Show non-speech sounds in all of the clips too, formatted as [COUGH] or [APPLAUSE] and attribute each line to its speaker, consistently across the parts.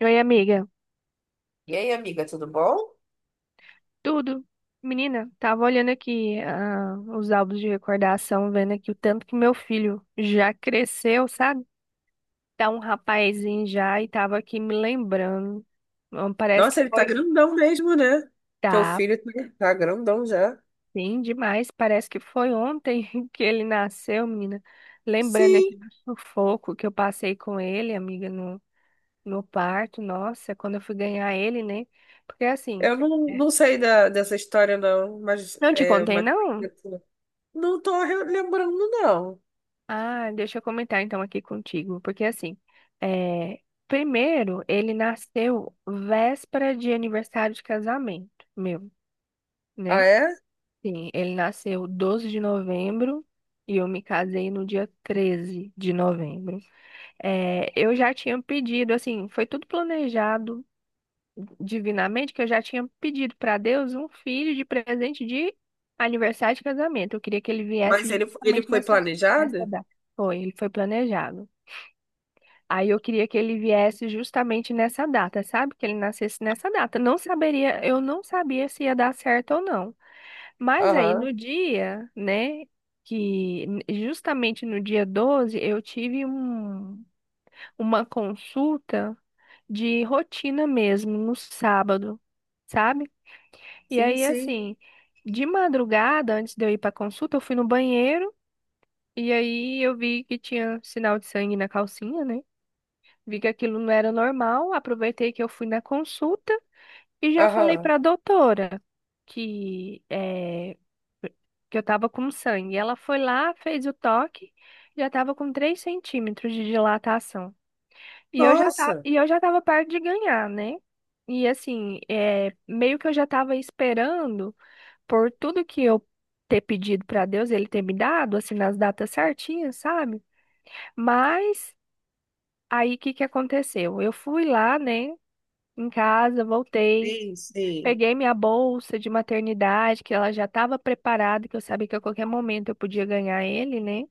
Speaker 1: Oi, amiga.
Speaker 2: E aí, amiga, tudo bom?
Speaker 1: Tudo? Menina, tava olhando aqui os álbuns de recordação, vendo aqui o tanto que meu filho já cresceu, sabe? Tá um rapazinho já e tava aqui me lembrando. Parece que
Speaker 2: Nossa, ele tá
Speaker 1: foi.
Speaker 2: grandão mesmo, né? Teu
Speaker 1: Tá,
Speaker 2: filho tá grandão já.
Speaker 1: sim, demais. Parece que foi ontem [LAUGHS] que ele nasceu, menina. Lembrando aqui
Speaker 2: Sim,
Speaker 1: do sufoco que eu passei com ele, amiga, no parto. Nossa, quando eu fui ganhar ele, né? Porque assim,
Speaker 2: eu não sei dessa história, não, mas
Speaker 1: não te contei, não?
Speaker 2: Não tô lembrando, não.
Speaker 1: Ah, deixa eu comentar então aqui contigo, porque assim, é, primeiro ele nasceu véspera de aniversário de casamento meu, né?
Speaker 2: Ah, é?
Speaker 1: Sim, ele nasceu 12 de novembro e eu me casei no dia 13 de novembro. É, eu já tinha pedido, assim, foi tudo planejado divinamente, que eu já tinha pedido para Deus um filho de presente de aniversário de casamento. Eu queria que ele viesse
Speaker 2: Mas ele, ele
Speaker 1: justamente
Speaker 2: foi
Speaker 1: nessa
Speaker 2: planejado?
Speaker 1: data. Foi, ele foi planejado. Aí eu queria que ele viesse justamente nessa data, sabe? Que ele nascesse nessa data. Não saberia, eu não sabia se ia dar certo ou não. Mas aí
Speaker 2: Aham.
Speaker 1: no dia, né, que justamente no dia 12 eu tive uma consulta de rotina mesmo, no sábado, sabe? E
Speaker 2: Sim,
Speaker 1: aí
Speaker 2: sim.
Speaker 1: assim, de madrugada, antes de eu ir para consulta, eu fui no banheiro e aí eu vi que tinha sinal de sangue na calcinha, né? Vi que aquilo não era normal, aproveitei que eu fui na consulta e já falei
Speaker 2: Aham.
Speaker 1: para a doutora que, eh, que eu estava com sangue. Ela foi lá, fez o toque, já estava com 3 centímetros de dilatação. E eu já tá,
Speaker 2: Nossa,
Speaker 1: e eu já estava perto de ganhar, né? E assim, é meio que eu já estava esperando por tudo que eu ter pedido para Deus, ele ter me dado, assim, nas datas certinhas, sabe? Mas aí o que que aconteceu? Eu fui lá, né, em casa, voltei,
Speaker 2: sim, sim.
Speaker 1: peguei minha bolsa de maternidade, que ela já estava preparada, que eu sabia que a qualquer momento eu podia ganhar ele, né?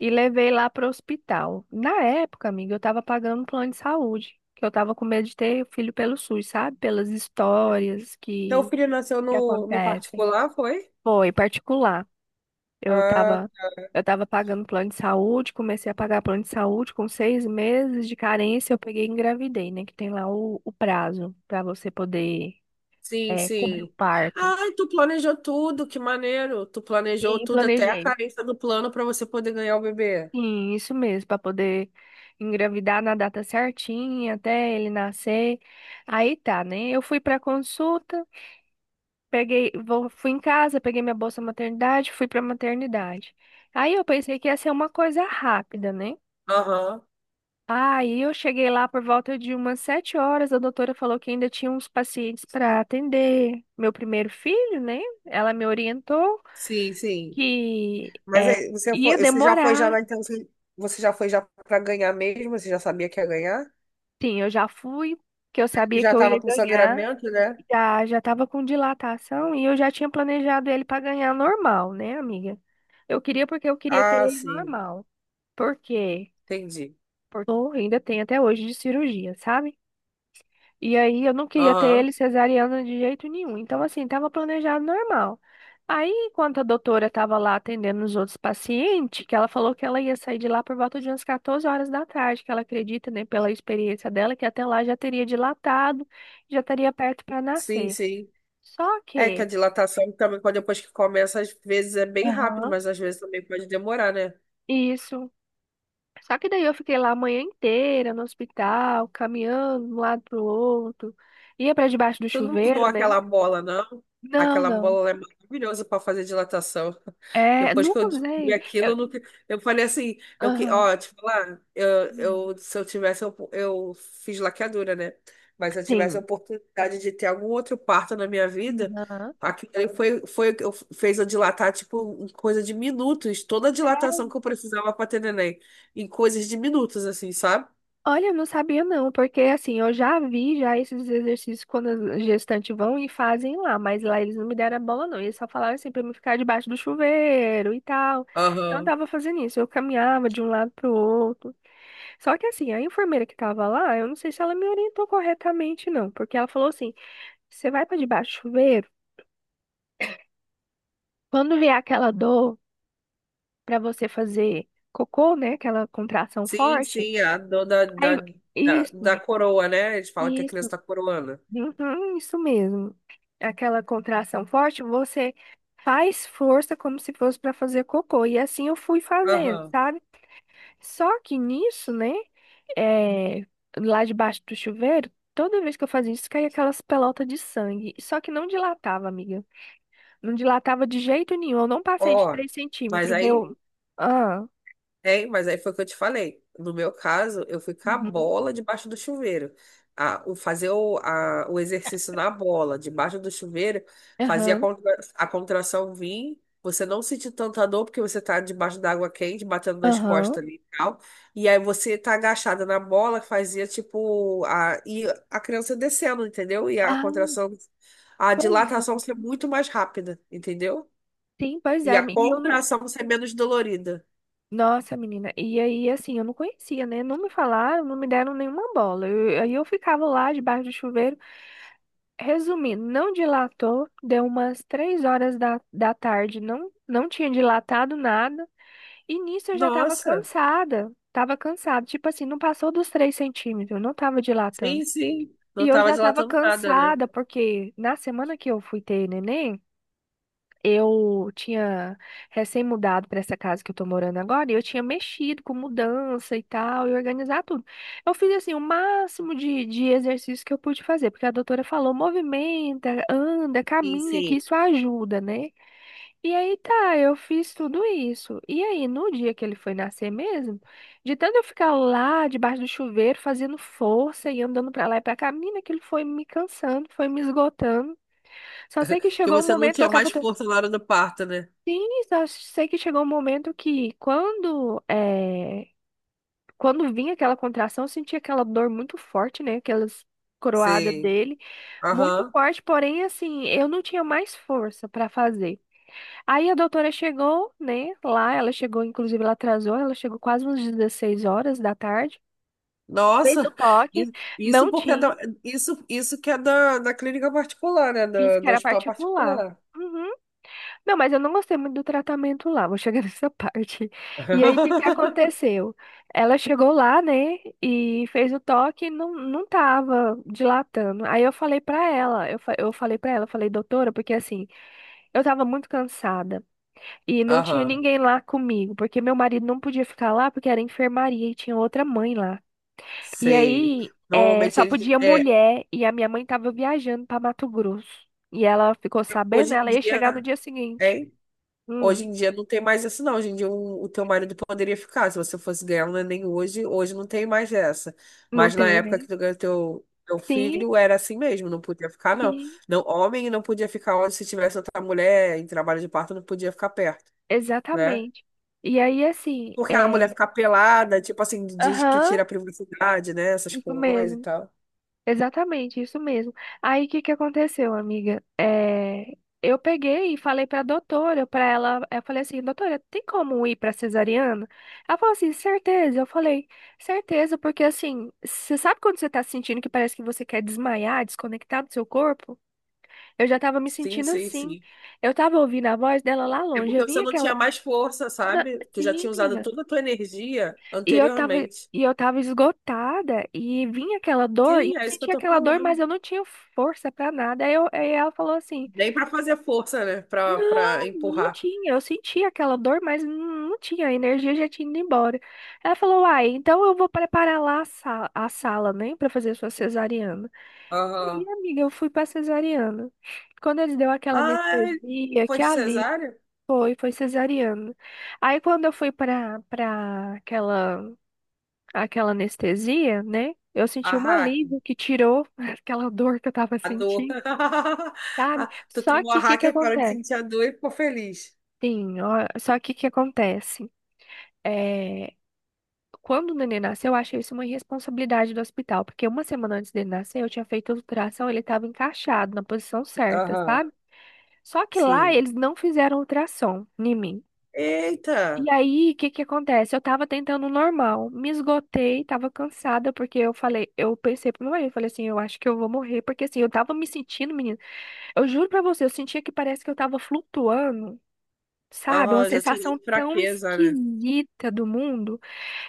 Speaker 1: E levei lá para o hospital. Na época, amiga, eu estava pagando um plano de saúde, que eu estava com medo de ter filho pelo SUS, sabe? Pelas histórias
Speaker 2: Teu
Speaker 1: que,
Speaker 2: filho nasceu
Speaker 1: que
Speaker 2: no
Speaker 1: acontecem.
Speaker 2: particular, foi?
Speaker 1: Foi particular. Eu
Speaker 2: Ah,
Speaker 1: estava, eu tava pagando plano de saúde, comecei a pagar plano de saúde com 6 meses de carência, eu peguei e engravidei, né? Que tem lá o prazo para você poder
Speaker 2: sim,
Speaker 1: é, cobrir o
Speaker 2: sim.
Speaker 1: parto.
Speaker 2: Ai, tu planejou tudo, que maneiro. Tu planejou
Speaker 1: E
Speaker 2: tudo até a
Speaker 1: planejei.
Speaker 2: carência do plano para você poder ganhar o bebê.
Speaker 1: Sim, isso mesmo, para poder engravidar na data certinha, até ele nascer. Aí tá, né? Eu fui para consulta, peguei, fui em casa, peguei minha bolsa maternidade, fui para maternidade. Aí eu pensei que ia ser uma coisa rápida, né?
Speaker 2: Aham.
Speaker 1: Aí eu cheguei lá por volta de umas 7 horas, a doutora falou que ainda tinha uns pacientes para atender meu primeiro filho, né? Ela me orientou
Speaker 2: Sim, sim.
Speaker 1: que
Speaker 2: Mas
Speaker 1: é,
Speaker 2: aí,
Speaker 1: ia
Speaker 2: você já foi já na
Speaker 1: demorar.
Speaker 2: intenção, você já foi já para ganhar mesmo? Você já sabia que ia ganhar?
Speaker 1: Sim, eu já fui, que eu
Speaker 2: É que
Speaker 1: sabia que
Speaker 2: já
Speaker 1: eu
Speaker 2: tava
Speaker 1: ia
Speaker 2: com
Speaker 1: ganhar.
Speaker 2: sangramento, né?
Speaker 1: Já, já tava com dilatação e eu já tinha planejado ele para ganhar normal, né, amiga? Eu queria porque eu queria ter
Speaker 2: Ah,
Speaker 1: ele
Speaker 2: sim.
Speaker 1: normal. Por quê?
Speaker 2: Entendi.
Speaker 1: Porque eu ainda tenho até hoje de cirurgia, sabe? E aí eu não queria ter
Speaker 2: Aham.
Speaker 1: ele cesariana de jeito nenhum. Então, assim, tava planejado normal. Aí, enquanto a doutora estava lá atendendo os outros pacientes, que ela falou que ela ia sair de lá por volta de umas 14 horas da tarde, que ela acredita, né, pela experiência dela, que até lá já teria dilatado, já estaria perto para
Speaker 2: Sim,
Speaker 1: nascer.
Speaker 2: sim.
Speaker 1: Só
Speaker 2: É que a
Speaker 1: que
Speaker 2: dilatação também, quando depois que começa, às vezes é bem rápido,
Speaker 1: aham,
Speaker 2: mas às vezes também pode demorar, né?
Speaker 1: isso. Só que daí eu fiquei lá a manhã inteira no hospital, caminhando de um lado pro outro. Ia para debaixo do
Speaker 2: Tu não usou
Speaker 1: chuveiro, né?
Speaker 2: aquela bola, não?
Speaker 1: Não,
Speaker 2: Aquela
Speaker 1: não.
Speaker 2: bola ela é maravilhosa para fazer dilatação.
Speaker 1: É,
Speaker 2: Depois
Speaker 1: não
Speaker 2: que eu descobri
Speaker 1: usei.
Speaker 2: aquilo, eu, nunca- eu falei assim,
Speaker 1: Aham.
Speaker 2: ó, te falar,
Speaker 1: Hum.
Speaker 2: se eu tivesse, eu fiz laqueadura, né? Mas se eu tivesse a
Speaker 1: Sim.
Speaker 2: oportunidade de ter algum outro parto na minha vida,
Speaker 1: Aham.
Speaker 2: aquilo ali foi, foi o que eu, fez eu dilatar, tipo, em coisa de minutos, toda a dilatação que eu precisava para ter neném, em coisas de minutos, assim, sabe?
Speaker 1: Olha, eu não sabia não, porque assim, eu já vi já esses exercícios quando as gestantes vão e fazem lá, mas lá eles não me deram a bola não, eles só falaram assim pra mim ficar debaixo do chuveiro e tal. Então eu
Speaker 2: Aham.
Speaker 1: tava fazendo isso, eu caminhava de um lado pro outro. Só que assim, a enfermeira que tava lá, eu não sei se ela me orientou corretamente não, porque ela falou assim: "Você vai pra debaixo do chuveiro, quando vier aquela dor pra você fazer cocô, né, aquela contração
Speaker 2: Sim,
Speaker 1: forte,
Speaker 2: sim, a dor
Speaker 1: aí
Speaker 2: da
Speaker 1: isso".
Speaker 2: coroa, né? Eles fala que a criança
Speaker 1: Isso,
Speaker 2: tá coroando.
Speaker 1: uhum, isso mesmo. Aquela contração forte, você faz força como se fosse para fazer cocô. E assim eu fui fazendo,
Speaker 2: Aham.
Speaker 1: sabe? Só que nisso, né? É, lá debaixo do chuveiro, toda vez que eu fazia isso, caía aquelas pelotas de sangue. Só que não dilatava, amiga. Não dilatava de jeito nenhum. Eu não passei de
Speaker 2: Ó,
Speaker 1: 3
Speaker 2: mas
Speaker 1: centímetros.
Speaker 2: aí
Speaker 1: Deu. Ah,
Speaker 2: Tem, mas aí foi o que eu te falei. No meu caso, eu fui com a
Speaker 1: uhum,
Speaker 2: bola debaixo do chuveiro. Fazer o exercício na bola, debaixo do chuveiro, fazia a,
Speaker 1: aham,
Speaker 2: a contração vir, você não sentir tanta dor, porque você tá debaixo da água quente, batendo nas
Speaker 1: aham.
Speaker 2: costas ali e tal. E aí você tá agachada na bola, fazia tipo. E a criança descendo, entendeu? E a
Speaker 1: Ah,
Speaker 2: contração, a
Speaker 1: pois
Speaker 2: dilatação
Speaker 1: é.
Speaker 2: ser muito mais rápida, entendeu?
Speaker 1: Sim, pois
Speaker 2: E
Speaker 1: é.
Speaker 2: a
Speaker 1: E eu não.
Speaker 2: contração ser menos dolorida.
Speaker 1: Nossa, menina. E aí, assim, eu não conhecia, né? Não me falaram, não me deram nenhuma bola. Aí eu ficava lá debaixo do chuveiro. Resumindo, não dilatou, deu umas 3 horas da tarde, não, não tinha dilatado nada. E nisso eu já tava
Speaker 2: Nossa!
Speaker 1: cansada. Tava cansada. Tipo assim, não passou dos 3 centímetros, não tava dilatando.
Speaker 2: Sim, sim.
Speaker 1: E
Speaker 2: Não
Speaker 1: eu
Speaker 2: tava
Speaker 1: já tava
Speaker 2: dilatando nada, né?
Speaker 1: cansada, porque na semana que eu fui ter neném. Eu tinha recém-mudado para essa casa que eu tô morando agora e eu tinha mexido com mudança e tal, e organizar tudo. Eu fiz assim o máximo de exercício que eu pude fazer, porque a doutora falou: movimenta, anda,
Speaker 2: Sim,
Speaker 1: caminha, que
Speaker 2: sim.
Speaker 1: isso ajuda, né? E aí tá, eu fiz tudo isso. E aí, no dia que ele foi nascer mesmo, de tanto eu ficar lá debaixo do chuveiro fazendo força e andando pra lá e pra cá, menina, aquilo foi me cansando, foi me esgotando. Só sei que
Speaker 2: Porque
Speaker 1: chegou um
Speaker 2: você não
Speaker 1: momento que
Speaker 2: tinha
Speaker 1: eu
Speaker 2: mais
Speaker 1: tava.
Speaker 2: força na hora do parto, né?
Speaker 1: Sim, só sei que chegou um momento que quando é, quando vinha aquela contração, eu sentia aquela dor muito forte, né? Aquelas coroadas
Speaker 2: Sim.
Speaker 1: dele, muito
Speaker 2: Aham.
Speaker 1: forte, porém assim, eu não tinha mais força para fazer. Aí a doutora chegou, né, lá, ela chegou, inclusive ela atrasou, ela chegou quase umas 16 horas da tarde, fez o
Speaker 2: Nossa,
Speaker 1: toque,
Speaker 2: isso
Speaker 1: não
Speaker 2: porque
Speaker 1: tinha,
Speaker 2: isso, isso que é da clínica particular, né?
Speaker 1: disse que
Speaker 2: Do
Speaker 1: era
Speaker 2: hospital
Speaker 1: particular.
Speaker 2: particular.
Speaker 1: Uhum. Não, mas eu não gostei muito do tratamento lá, vou chegar [LAUGHS] nessa parte. E aí, o que que
Speaker 2: [LAUGHS]
Speaker 1: aconteceu? Ela chegou lá, né, e fez o toque e não, não tava dilatando. Aí eu falei pra ela, eu falei pra ela, eu falei, doutora, porque assim, eu tava muito cansada e não tinha
Speaker 2: Aham.
Speaker 1: ninguém lá comigo, porque meu marido não podia ficar lá porque era enfermaria e tinha outra mãe lá. E
Speaker 2: Sei.
Speaker 1: aí, é,
Speaker 2: Normalmente
Speaker 1: só
Speaker 2: eles.
Speaker 1: podia
Speaker 2: É,
Speaker 1: mulher e a minha mãe tava viajando pra Mato Grosso. E ela ficou sabendo,
Speaker 2: hoje em
Speaker 1: ela ia
Speaker 2: dia.
Speaker 1: chegar no dia seguinte.
Speaker 2: É.
Speaker 1: Hum.
Speaker 2: Hoje em dia não tem mais isso, não. Hoje em dia o teu marido poderia ficar. Se você fosse ganhar um neném hoje, hoje não tem mais essa.
Speaker 1: Não
Speaker 2: Mas na
Speaker 1: tem, né?
Speaker 2: época que tu ganhou teu
Speaker 1: Sim,
Speaker 2: filho, era assim mesmo, não podia ficar, não.
Speaker 1: sim,
Speaker 2: Não, homem não podia ficar onde se tivesse outra mulher em trabalho de parto, não podia ficar perto, né?
Speaker 1: exatamente. E aí, assim,
Speaker 2: Porque a
Speaker 1: é.
Speaker 2: mulher ficar pelada, tipo assim, diz que
Speaker 1: Aham,
Speaker 2: tira a privacidade, né? Essas
Speaker 1: isso
Speaker 2: coisas e
Speaker 1: mesmo.
Speaker 2: tal.
Speaker 1: Exatamente, isso mesmo. Aí, o que que aconteceu, amiga? É, eu peguei e falei pra doutora, pra ela. Eu falei assim, doutora, tem como ir pra cesariana? Ela falou assim, certeza. Eu falei, certeza, porque assim, você sabe quando você tá sentindo que parece que você quer desmaiar, desconectar do seu corpo? Eu já tava me
Speaker 2: Sim,
Speaker 1: sentindo
Speaker 2: sim,
Speaker 1: assim.
Speaker 2: sim.
Speaker 1: Eu tava ouvindo a voz dela lá
Speaker 2: É
Speaker 1: longe.
Speaker 2: porque
Speaker 1: Eu
Speaker 2: você
Speaker 1: vinha
Speaker 2: não
Speaker 1: aquela.
Speaker 2: tinha mais força,
Speaker 1: Na-
Speaker 2: sabe? Tu já
Speaker 1: Sim,
Speaker 2: tinha usado
Speaker 1: menina.
Speaker 2: toda a tua energia
Speaker 1: E eu tava,
Speaker 2: anteriormente.
Speaker 1: e eu tava esgotada e vinha aquela dor, e eu
Speaker 2: Sim, é isso que eu
Speaker 1: sentia
Speaker 2: tô
Speaker 1: aquela dor, mas
Speaker 2: falando.
Speaker 1: eu não tinha força pra nada. Aí ela falou assim:
Speaker 2: Nem pra fazer força, né? Pra
Speaker 1: Não, não
Speaker 2: empurrar.
Speaker 1: tinha. Eu sentia aquela dor, mas não não tinha. A energia já tinha ido embora. Ela falou: Uai, então eu vou preparar lá a sala, né, pra fazer sua cesariana.
Speaker 2: Aham.
Speaker 1: E amiga, eu fui pra cesariana. Quando eles deu aquela
Speaker 2: Ai,
Speaker 1: anestesia,
Speaker 2: foi
Speaker 1: que
Speaker 2: de
Speaker 1: ali
Speaker 2: cesárea?
Speaker 1: foi, foi cesariana. Aí quando eu fui pra aquela, aquela anestesia, né? Eu senti
Speaker 2: A
Speaker 1: um
Speaker 2: hack.
Speaker 1: alívio que tirou [LAUGHS] aquela dor que eu tava
Speaker 2: A dor.
Speaker 1: sentindo,
Speaker 2: [LAUGHS]
Speaker 1: sabe?
Speaker 2: Ah, tu
Speaker 1: Só
Speaker 2: tomou a
Speaker 1: que o que
Speaker 2: hack
Speaker 1: que
Speaker 2: e parou de
Speaker 1: acontece?
Speaker 2: sentir a dor e ficou feliz.
Speaker 1: Sim, ó, só que o que acontece? É, quando o neném nasceu, eu achei isso uma irresponsabilidade do hospital, porque uma semana antes dele nascer, eu tinha feito a ultrassom, ele estava encaixado na posição certa,
Speaker 2: Aham.
Speaker 1: sabe? Só que lá
Speaker 2: Sim.
Speaker 1: eles não fizeram ultrassom em mim. E
Speaker 2: Eita.
Speaker 1: aí, o que que acontece? Eu tava tentando normal, me esgotei, tava cansada, porque eu falei, eu pensei pro meu marido, eu falei assim, eu acho que eu vou morrer, porque assim, eu tava me sentindo, menina, eu juro pra você, eu sentia que parece que eu tava flutuando, sabe? Uma
Speaker 2: Aham, já tinha
Speaker 1: sensação
Speaker 2: dado
Speaker 1: tão
Speaker 2: fraqueza, né?
Speaker 1: esquisita do mundo.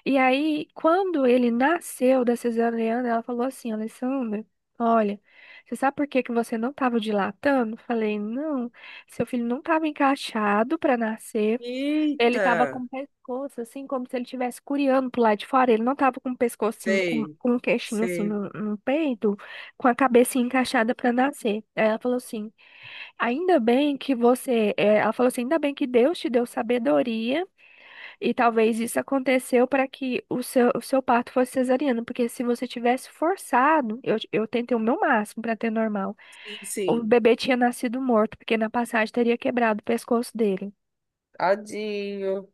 Speaker 1: E aí, quando ele nasceu da cesariana, ela falou assim, Alessandra, olha, você sabe por que que você não tava dilatando? Eu falei, não, seu filho não tava encaixado pra nascer, ele tava com
Speaker 2: Eita.
Speaker 1: o pescoço, assim, como se ele estivesse curiando pro lado de fora. Ele não tava com o pescoço, assim, com,
Speaker 2: Sei.
Speaker 1: com o queixinho, assim,
Speaker 2: Sei.
Speaker 1: no peito, com a cabecinha encaixada pra nascer. Aí ela falou assim, ainda bem que você... é, ela falou assim, ainda bem que Deus te deu sabedoria e talvez isso aconteceu para que o seu parto fosse cesariano, porque se você tivesse forçado, eu tentei o meu máximo para ter normal,
Speaker 2: Sim,
Speaker 1: o
Speaker 2: sim.
Speaker 1: bebê tinha nascido morto, porque na passagem teria quebrado o pescoço dele.
Speaker 2: Tadinho.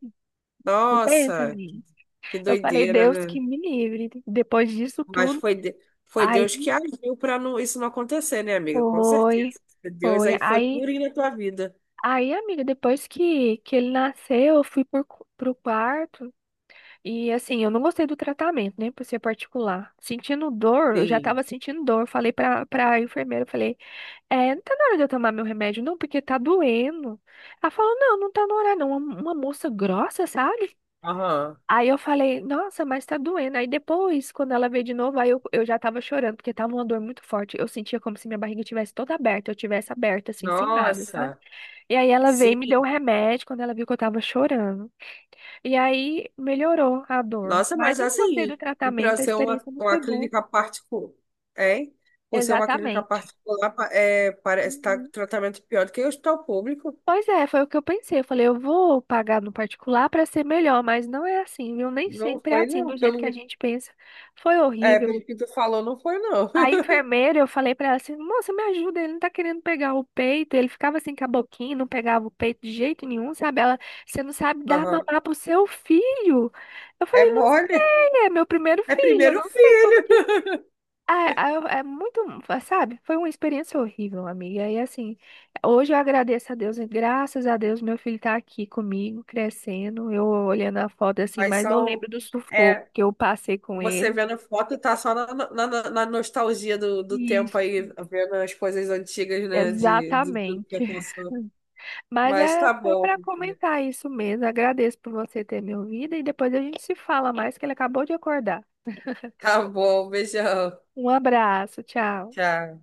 Speaker 1: E pensa,
Speaker 2: Nossa,
Speaker 1: menina.
Speaker 2: que
Speaker 1: Eu falei,
Speaker 2: doideira,
Speaker 1: Deus que
Speaker 2: né?
Speaker 1: me livre. Depois disso
Speaker 2: Mas
Speaker 1: tudo,
Speaker 2: foi, de- foi
Speaker 1: aí
Speaker 2: Deus que agiu para não, isso não acontecer, né, amiga? Com
Speaker 1: foi,
Speaker 2: certeza. Deus
Speaker 1: foi.
Speaker 2: aí foi
Speaker 1: Aí,
Speaker 2: purinho na tua vida.
Speaker 1: aí, amiga, depois que ele nasceu, eu fui por, pro quarto. E assim, eu não gostei do tratamento, né? Por ser particular. Sentindo dor, eu já
Speaker 2: Sim.
Speaker 1: tava sentindo dor. Eu falei pra enfermeira, eu falei, é, não tá na hora de eu tomar meu remédio, não, porque tá doendo. Ela falou, não, não tá na hora, não. Uma moça grossa, sabe?
Speaker 2: Aham.
Speaker 1: Aí eu falei, nossa, mas tá doendo. Aí depois, quando ela veio de novo, aí eu já tava chorando, porque tava uma dor muito forte. Eu sentia como se minha barriga tivesse toda aberta, eu tivesse aberta, assim, sem nada, sabe?
Speaker 2: Nossa.
Speaker 1: E aí ela veio e me
Speaker 2: Sim.
Speaker 1: deu um remédio quando ela viu que eu tava chorando. E aí melhorou a dor.
Speaker 2: Nossa,
Speaker 1: Mas
Speaker 2: mas
Speaker 1: eu não gostei
Speaker 2: assim,
Speaker 1: do
Speaker 2: para
Speaker 1: tratamento, a
Speaker 2: ser
Speaker 1: experiência não
Speaker 2: uma
Speaker 1: foi boa.
Speaker 2: clínica particular, hein? Por ser uma clínica
Speaker 1: Exatamente.
Speaker 2: particular, é, parece estar
Speaker 1: Uhum.
Speaker 2: tratamento pior do que o hospital público.
Speaker 1: Pois é, foi o que eu pensei. Eu falei, eu vou pagar no particular para ser melhor, mas não é assim, viu? Nem
Speaker 2: Não
Speaker 1: sempre é
Speaker 2: foi,
Speaker 1: assim,
Speaker 2: não.
Speaker 1: do jeito que a gente pensa. Foi
Speaker 2: É,
Speaker 1: horrível.
Speaker 2: pelo que tu falou, não foi, não.
Speaker 1: A
Speaker 2: [LAUGHS]
Speaker 1: enfermeira, eu falei pra ela assim, moça, me ajuda, ele não tá querendo pegar o peito. Ele ficava assim com a boquinha, não pegava o peito de jeito nenhum, sabe? Ela, você não sabe dar
Speaker 2: Aham.
Speaker 1: mamar pro seu filho. Eu
Speaker 2: É
Speaker 1: falei, não
Speaker 2: mole.
Speaker 1: sei, é meu primeiro
Speaker 2: É
Speaker 1: filho, eu
Speaker 2: primeiro
Speaker 1: não sei como
Speaker 2: filho.
Speaker 1: que. Ah, ah, é muito, sabe? Foi uma experiência horrível, amiga. E assim, hoje eu agradeço a Deus, e graças a Deus meu filho tá aqui comigo, crescendo. Eu olhando a foto assim,
Speaker 2: Mas
Speaker 1: mas eu
Speaker 2: são.
Speaker 1: lembro do sufoco
Speaker 2: É.
Speaker 1: que eu passei com
Speaker 2: Você
Speaker 1: ele.
Speaker 2: vendo foto tá só na nostalgia do tempo
Speaker 1: Isso,
Speaker 2: aí, vendo as coisas antigas, né? De tudo que
Speaker 1: exatamente.
Speaker 2: passou.
Speaker 1: Mas
Speaker 2: Mas
Speaker 1: é
Speaker 2: tá
Speaker 1: só
Speaker 2: bom,
Speaker 1: para
Speaker 2: amiga.
Speaker 1: comentar isso mesmo. Agradeço por você ter me ouvido e depois a gente se fala mais, que ele acabou de acordar.
Speaker 2: Tá bom, beijão.
Speaker 1: Um abraço, tchau.
Speaker 2: Tchau.